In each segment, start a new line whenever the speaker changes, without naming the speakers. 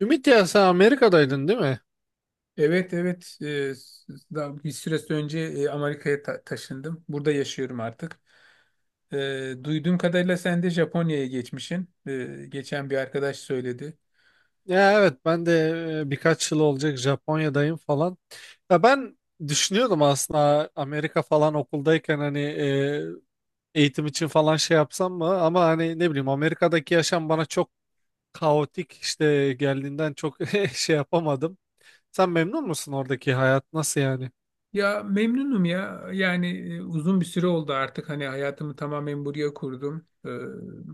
Ümit ya sen Amerika'daydın değil mi?
Evet evet. Daha bir süre önce Amerika'ya taşındım. Burada yaşıyorum artık. Duyduğum kadarıyla sen de Japonya'ya geçmişsin. Geçen bir arkadaş söyledi.
Ya evet ben de birkaç yıl olacak Japonya'dayım falan. Ya ben düşünüyordum aslında Amerika falan okuldayken hani eğitim için falan şey yapsam mı? Ama hani ne bileyim Amerika'daki yaşam bana çok kaotik işte geldiğinden çok şey yapamadım. Sen memnun musun oradaki hayat nasıl yani?
Ya memnunum ya. Yani uzun bir süre oldu artık hani hayatımı tamamen buraya kurdum.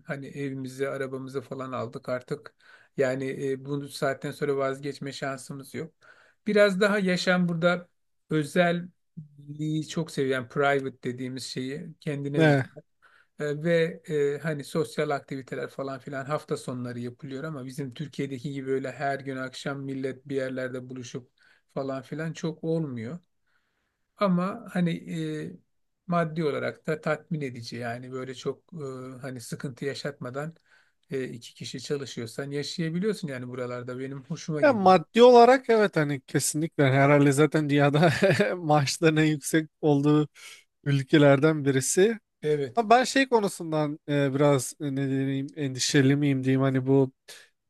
Hani evimizi, arabamızı falan aldık artık. Yani bu saatten sonra vazgeçme şansımız yok. Biraz daha yaşam burada özelliği çok seviyen private dediğimiz şeyi kendine
Ne?
özel. Ve hani sosyal aktiviteler falan filan hafta sonları yapılıyor ama bizim Türkiye'deki gibi öyle her gün akşam millet bir yerlerde buluşup falan filan çok olmuyor. Ama hani e, maddi olarak da tatmin edici yani böyle çok hani sıkıntı yaşatmadan iki kişi çalışıyorsan yaşayabiliyorsun yani buralarda benim hoşuma
Ya
gidiyor.
maddi olarak evet hani kesinlikle herhalde zaten dünyada maaşların en yüksek olduğu ülkelerden birisi.
Evet.
Ama ben şey konusundan biraz ne diyeyim endişeli miyim diyeyim hani bu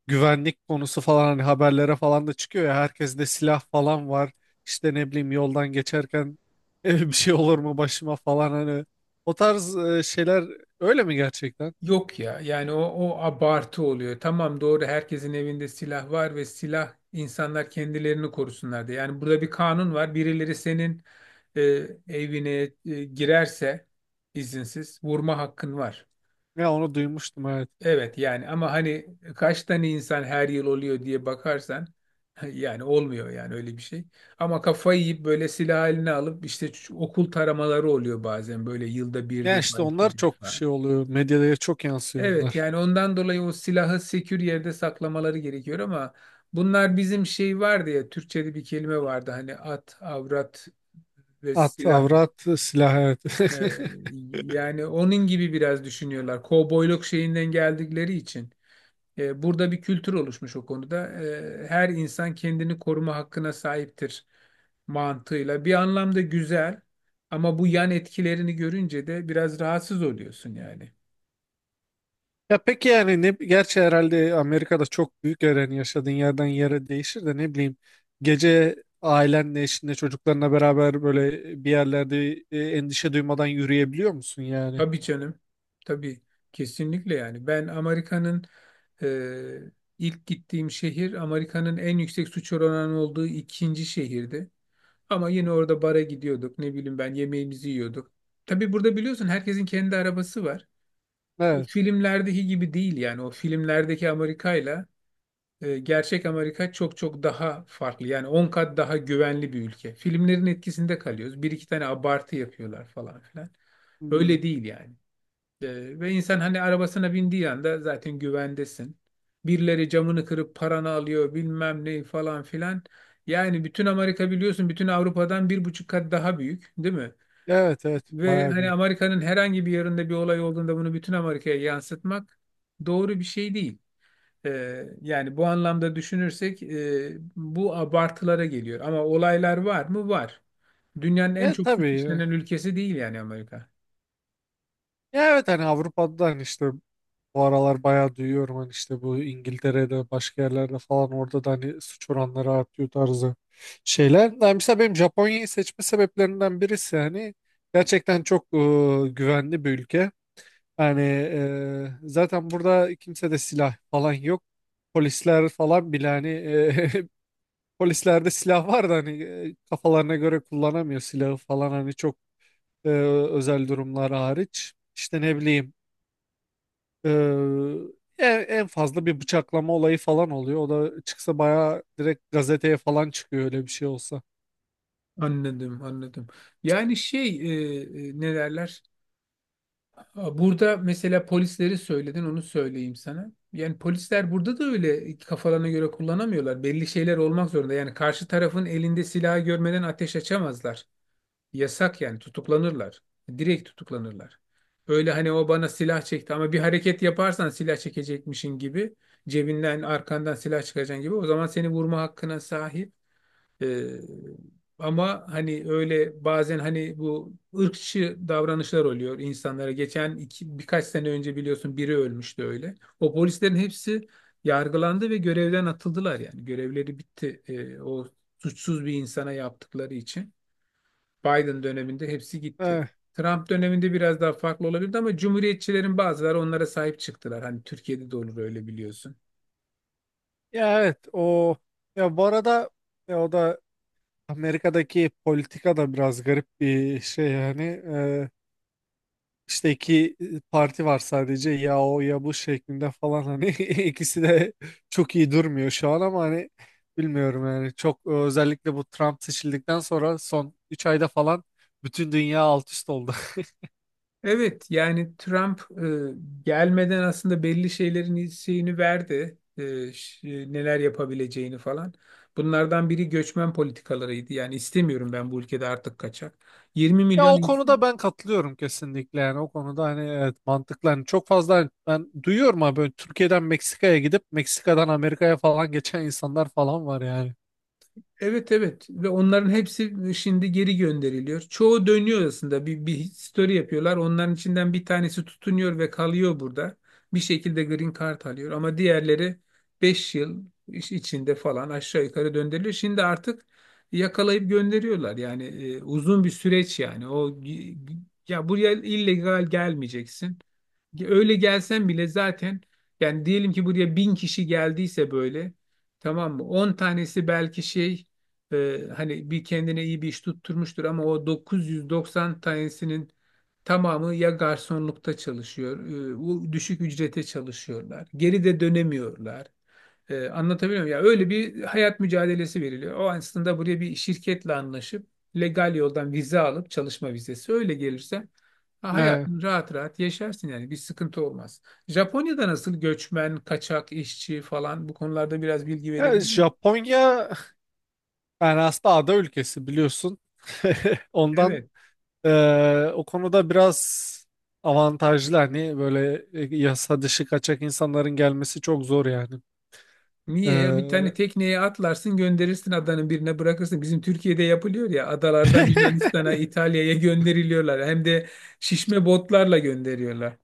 güvenlik konusu falan hani haberlere falan da çıkıyor ya herkes de silah falan var işte ne bileyim yoldan geçerken bir şey olur mu başıma falan hani o tarz şeyler öyle mi gerçekten?
Yok ya yani o abartı oluyor. Tamam doğru herkesin evinde silah var ve silah insanlar kendilerini korusunlar diye. Yani burada bir kanun var. Birileri senin evine girerse izinsiz vurma hakkın var.
Ya onu duymuştum evet.
Evet yani ama hani kaç tane insan her yıl oluyor diye bakarsan yani olmuyor yani öyle bir şey. Ama kafayı yiyip böyle silah eline alıp işte şu okul taramaları oluyor bazen böyle yılda bir
Yani işte
defa
onlar
iki
çok
defa.
şey oluyor medyada çok yansıyor
Evet
onlar.
yani ondan dolayı o silahı sekür yerde saklamaları gerekiyor ama bunlar bizim şey vardı ya Türkçe'de bir kelime vardı hani at, avrat ve
At,
silah.
avrat, silah evet.
Ee, yani onun gibi biraz düşünüyorlar. Kovboyluk şeyinden geldikleri için. E, burada bir kültür oluşmuş o konuda. E, her insan kendini koruma hakkına sahiptir mantığıyla. Bir anlamda güzel ama bu yan etkilerini görünce de biraz rahatsız oluyorsun yani.
Ya peki yani ne gerçi herhalde Amerika'da çok büyük yer yani yaşadığın yerden yere değişir de ne bileyim gece ailenle eşinle çocuklarına beraber böyle bir yerlerde endişe duymadan yürüyebiliyor musun yani?
Tabii canım. Tabii kesinlikle yani. Ben e, ilk gittiğim şehir Amerika'nın en yüksek suç oranı olduğu ikinci şehirdi. Ama yine orada bara gidiyorduk. Ne bileyim ben yemeğimizi yiyorduk. Tabii burada biliyorsun herkesin kendi arabası var. O
Evet.
filmlerdeki gibi değil yani o filmlerdeki Amerika'yla gerçek Amerika çok çok daha farklı. Yani 10 kat daha güvenli bir ülke. Filmlerin etkisinde kalıyoruz. Bir iki tane abartı yapıyorlar falan filan.
Hmm.
Öyle değil yani. Ve insan hani arabasına bindiği anda zaten güvendesin. Birileri camını kırıp paranı alıyor bilmem ne falan filan. Yani bütün Amerika biliyorsun bütün Avrupa'dan bir buçuk kat daha büyük, değil mi?
Evet evet
Ve
bayağı
hani
büyük.
Amerika'nın herhangi bir yerinde bir olay olduğunda bunu bütün Amerika'ya yansıtmak doğru bir şey değil. Yani bu anlamda düşünürsek bu abartılara geliyor. Ama olaylar var mı? Var. Dünyanın en
Evet
çok suç
tabii ya.
işlenen ülkesi değil yani Amerika.
Ya evet hani Avrupa'dan işte bu aralar bayağı duyuyorum hani işte bu İngiltere'de başka yerlerde falan orada da hani suç oranları artıyor tarzı şeyler. Yani mesela benim Japonya'yı seçme sebeplerinden birisi hani gerçekten çok güvenli bir ülke. Yani zaten burada kimse de silah falan yok. Polisler falan bile hani polislerde silah var da hani kafalarına göre kullanamıyor silahı falan hani çok e, özel durumlar hariç. İşte ne bileyim. Ee, en fazla bir bıçaklama olayı falan oluyor. O da çıksa bayağı direkt gazeteye falan çıkıyor öyle bir şey olsa.
Anladım, anladım. Yani ne derler? Burada mesela polisleri söyledin, onu söyleyeyim sana. Yani polisler burada da öyle kafalarına göre kullanamıyorlar. Belli şeyler olmak zorunda. Yani karşı tarafın elinde silahı görmeden ateş açamazlar. Yasak yani tutuklanırlar. Direkt tutuklanırlar. Öyle hani o bana silah çekti ama bir hareket yaparsan silah çekecekmişin gibi cebinden arkandan silah çıkacaksın gibi o zaman seni vurma hakkına sahip. Ee, ama hani öyle bazen hani bu ırkçı davranışlar oluyor insanlara. Geçen birkaç sene önce biliyorsun biri ölmüştü öyle. O polislerin hepsi yargılandı ve görevden atıldılar yani. Görevleri bitti. O suçsuz bir insana yaptıkları için. Biden döneminde hepsi gitti.
Eh,
Trump döneminde biraz daha farklı olabilirdi ama cumhuriyetçilerin bazıları onlara sahip çıktılar. Hani Türkiye'de de olur öyle biliyorsun.
ya evet o ya bu arada ya o da Amerika'daki politika da biraz garip bir şey yani. İşte iki parti var sadece ya o ya bu şeklinde falan hani ikisi de çok iyi durmuyor şu an ama hani bilmiyorum yani çok özellikle bu Trump seçildikten sonra son 3 ayda falan bütün dünya alt üst oldu.
Evet yani Trump gelmeden aslında belli şeylerin şeyini verdi. Neler yapabileceğini falan. Bunlardan biri göçmen politikalarıydı. Yani istemiyorum ben bu ülkede artık kaçak. 20
Ya
milyon.
o konuda ben katılıyorum kesinlikle yani o konuda hani evet mantıklı hani çok fazla hani ben duyuyorum abi böyle Türkiye'den Meksika'ya gidip Meksika'dan Amerika'ya falan geçen insanlar falan var yani.
Evet evet ve onların hepsi şimdi geri gönderiliyor. Çoğu dönüyor aslında bir story yapıyorlar. Onların içinden bir tanesi tutunuyor ve kalıyor burada. Bir şekilde green card alıyor ama diğerleri 5 yıl içinde falan aşağı yukarı döndürülüyor. Şimdi artık yakalayıp gönderiyorlar. Yani uzun bir süreç yani. Ya buraya illegal gelmeyeceksin. Öyle gelsen bile zaten yani diyelim ki buraya bin kişi geldiyse böyle, tamam mı? On tanesi belki hani bir kendine iyi bir iş tutturmuştur ama o 990 tanesinin tamamı ya garsonlukta çalışıyor, o düşük ücrete çalışıyorlar. Geri de dönemiyorlar. Anlatabiliyor muyum? Ya öyle bir hayat mücadelesi veriliyor. O aslında buraya bir şirketle anlaşıp legal yoldan vize alıp çalışma vizesi öyle gelirse ha,
Evet.
hayatını rahat rahat yaşarsın yani bir sıkıntı olmaz. Japonya'da nasıl göçmen, kaçak işçi falan bu konularda biraz bilgi
Ya
verebilir misin?
Japonya yani aslında ada ülkesi biliyorsun. Ondan
Evet.
o konuda biraz avantajlı hani böyle yasa dışı kaçak insanların gelmesi çok zor yani.
Niye ya bir tane
Eee
tekneye atlarsın gönderirsin adanın birine bırakırsın. Bizim Türkiye'de yapılıyor ya adalardan Yunanistan'a, İtalya'ya gönderiliyorlar. Hem de şişme botlarla gönderiyorlar.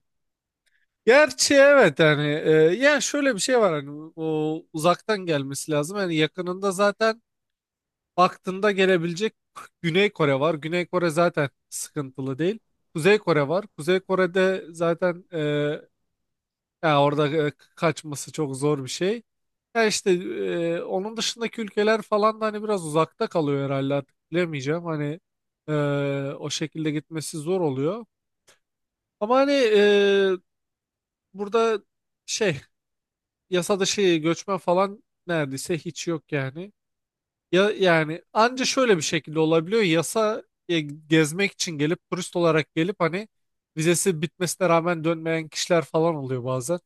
Gerçi evet yani ya şöyle bir şey var hani o uzaktan gelmesi lazım. Yani yakınında zaten baktığında gelebilecek Güney Kore var. Güney Kore zaten sıkıntılı değil. Kuzey Kore var. Kuzey Kore'de zaten ya orada kaçması çok zor bir şey. Ya işte onun dışındaki ülkeler falan da hani biraz uzakta kalıyor herhalde artık bilemeyeceğim. Hani e, o şekilde gitmesi zor oluyor. Ama hani burada şey yasa dışı göçmen falan neredeyse hiç yok yani. Ya yani anca şöyle bir şekilde olabiliyor. Gezmek için gelip turist olarak gelip hani vizesi bitmesine rağmen dönmeyen kişiler falan oluyor bazen.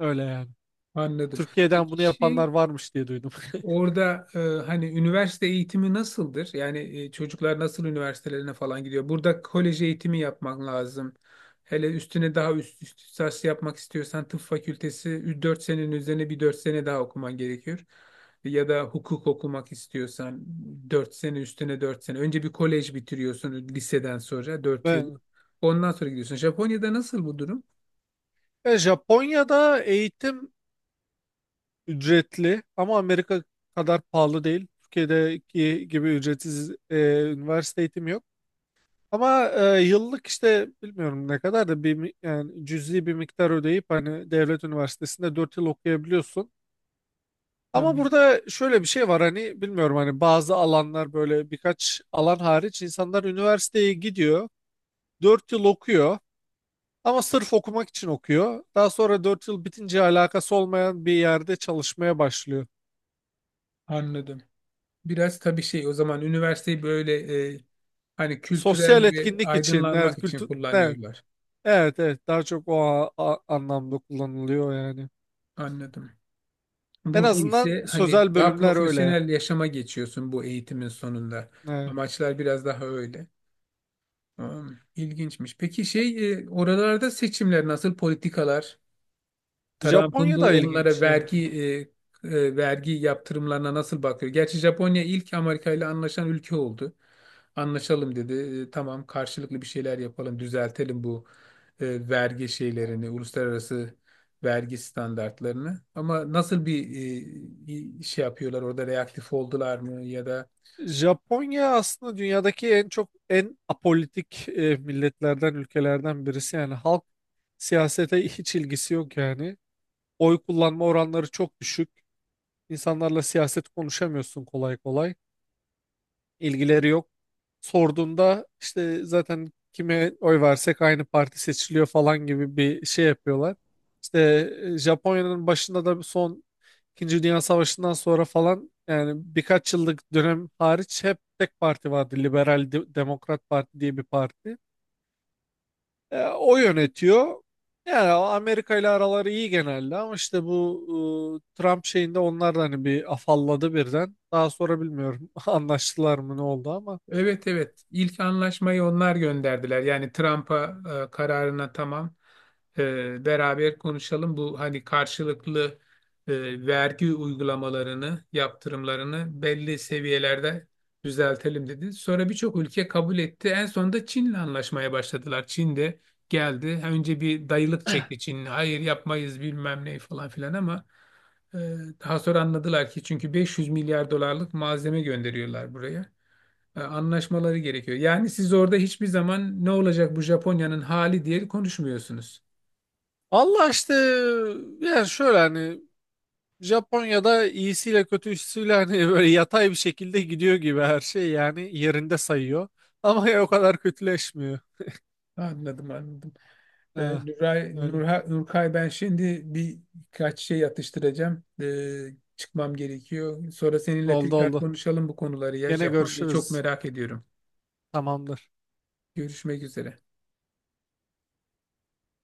Öyle yani.
Anladım.
Türkiye'den
Peki
bunu
şey,
yapanlar varmış diye duydum.
orada hani üniversite eğitimi nasıldır? Yani çocuklar nasıl üniversitelerine falan gidiyor? Burada kolej eğitimi yapman lazım. Hele üstüne daha üst lisans yapmak istiyorsan tıp fakültesi 4 senenin üzerine bir 4 sene daha okuman gerekiyor. Ya da hukuk okumak istiyorsan 4 sene üstüne 4 sene. Önce bir kolej bitiriyorsun liseden sonra 4 yıl.
Ben,
Ondan sonra gidiyorsun. Japonya'da nasıl bu durum?
Ya Japonya'da eğitim ücretli ama Amerika kadar pahalı değil. Türkiye'deki gibi ücretsiz üniversite eğitimi yok. Ama yıllık işte bilmiyorum ne kadar da yani cüzi bir miktar ödeyip hani devlet üniversitesinde 4 yıl okuyabiliyorsun. Ama
Anladım.
burada şöyle bir şey var hani bilmiyorum hani bazı alanlar böyle birkaç alan hariç insanlar üniversiteye gidiyor 4 yıl okuyor ama sırf okumak için okuyor. Daha sonra 4 yıl bitince alakası olmayan bir yerde çalışmaya başlıyor.
Anladım. Biraz tabii o zaman üniversiteyi böyle hani
Sosyal
kültürel ve
etkinlik için evet
aydınlanmak için
kültür evet
kullanıyorlar.
evet, evet daha çok o anlamda kullanılıyor yani.
Anladım.
En
Burada
azından
ise hani
sözel
daha
bölümler öyle.
profesyonel yaşama geçiyorsun bu eğitimin sonunda.
Ee,
Amaçlar biraz daha öyle. Tamam. İlginçmiş. Peki oralarda seçimler nasıl politikalar? Trump'ın
Japonya da
bu onlara
ilginç yani.
vergi yaptırımlarına nasıl bakıyor? Gerçi Japonya ilk Amerika ile anlaşan ülke oldu. Anlaşalım dedi. E, tamam karşılıklı bir şeyler yapalım, düzeltelim bu vergi şeylerini, uluslararası vergi standartlarını. Ama nasıl bir e, şey yapıyorlar orada reaktif oldular mı ya da?
Japonya aslında dünyadaki en çok en apolitik milletlerden, ülkelerden birisi. Yani halk siyasete hiç ilgisi yok yani. Oy kullanma oranları çok düşük. İnsanlarla siyaset konuşamıyorsun kolay kolay. İlgileri yok. Sorduğunda işte zaten kime oy versek aynı parti seçiliyor falan gibi bir şey yapıyorlar. İşte Japonya'nın başında da son İkinci Dünya Savaşı'ndan sonra falan yani birkaç yıllık dönem hariç hep tek parti vardı. Liberal Demokrat Parti diye bir parti. O yönetiyor. Yani Amerika ile araları iyi genelde ama işte bu Trump şeyinde onlar da hani bir afalladı birden. Daha sonra bilmiyorum anlaştılar mı ne oldu ama.
Evet evet ilk anlaşmayı onlar gönderdiler. Yani Trump'a kararına tamam, beraber konuşalım. Bu hani karşılıklı vergi uygulamalarını, yaptırımlarını belli seviyelerde düzeltelim dedi. Sonra birçok ülke kabul etti. En sonunda Çin'le anlaşmaya başladılar. Çin de geldi. Ha, önce bir dayılık çekti Çin. Hayır yapmayız bilmem ne falan filan ama e, daha sonra anladılar ki çünkü 500 milyar dolarlık malzeme gönderiyorlar buraya, anlaşmaları gerekiyor. Yani siz orada hiçbir zaman ne olacak bu Japonya'nın hali diye konuşmuyorsunuz.
Allah işte yani şöyle hani Japonya'da iyisiyle kötüsüyle hani böyle yatay bir şekilde gidiyor gibi her şey yani yerinde sayıyor. Ama ya o kadar kötüleşmiyor.
Anladım, anladım. E,
Ha,
Nuray,
öyle.
Nurha, Nurkay ben şimdi birkaç şey atıştıracağım. Çıkmam gerekiyor. Sonra seninle
Oldu
tekrar
oldu.
konuşalım bu konuları ya.
Gene
Japonya'yı çok
görüşürüz.
merak ediyorum.
Tamamdır.
Görüşmek üzere.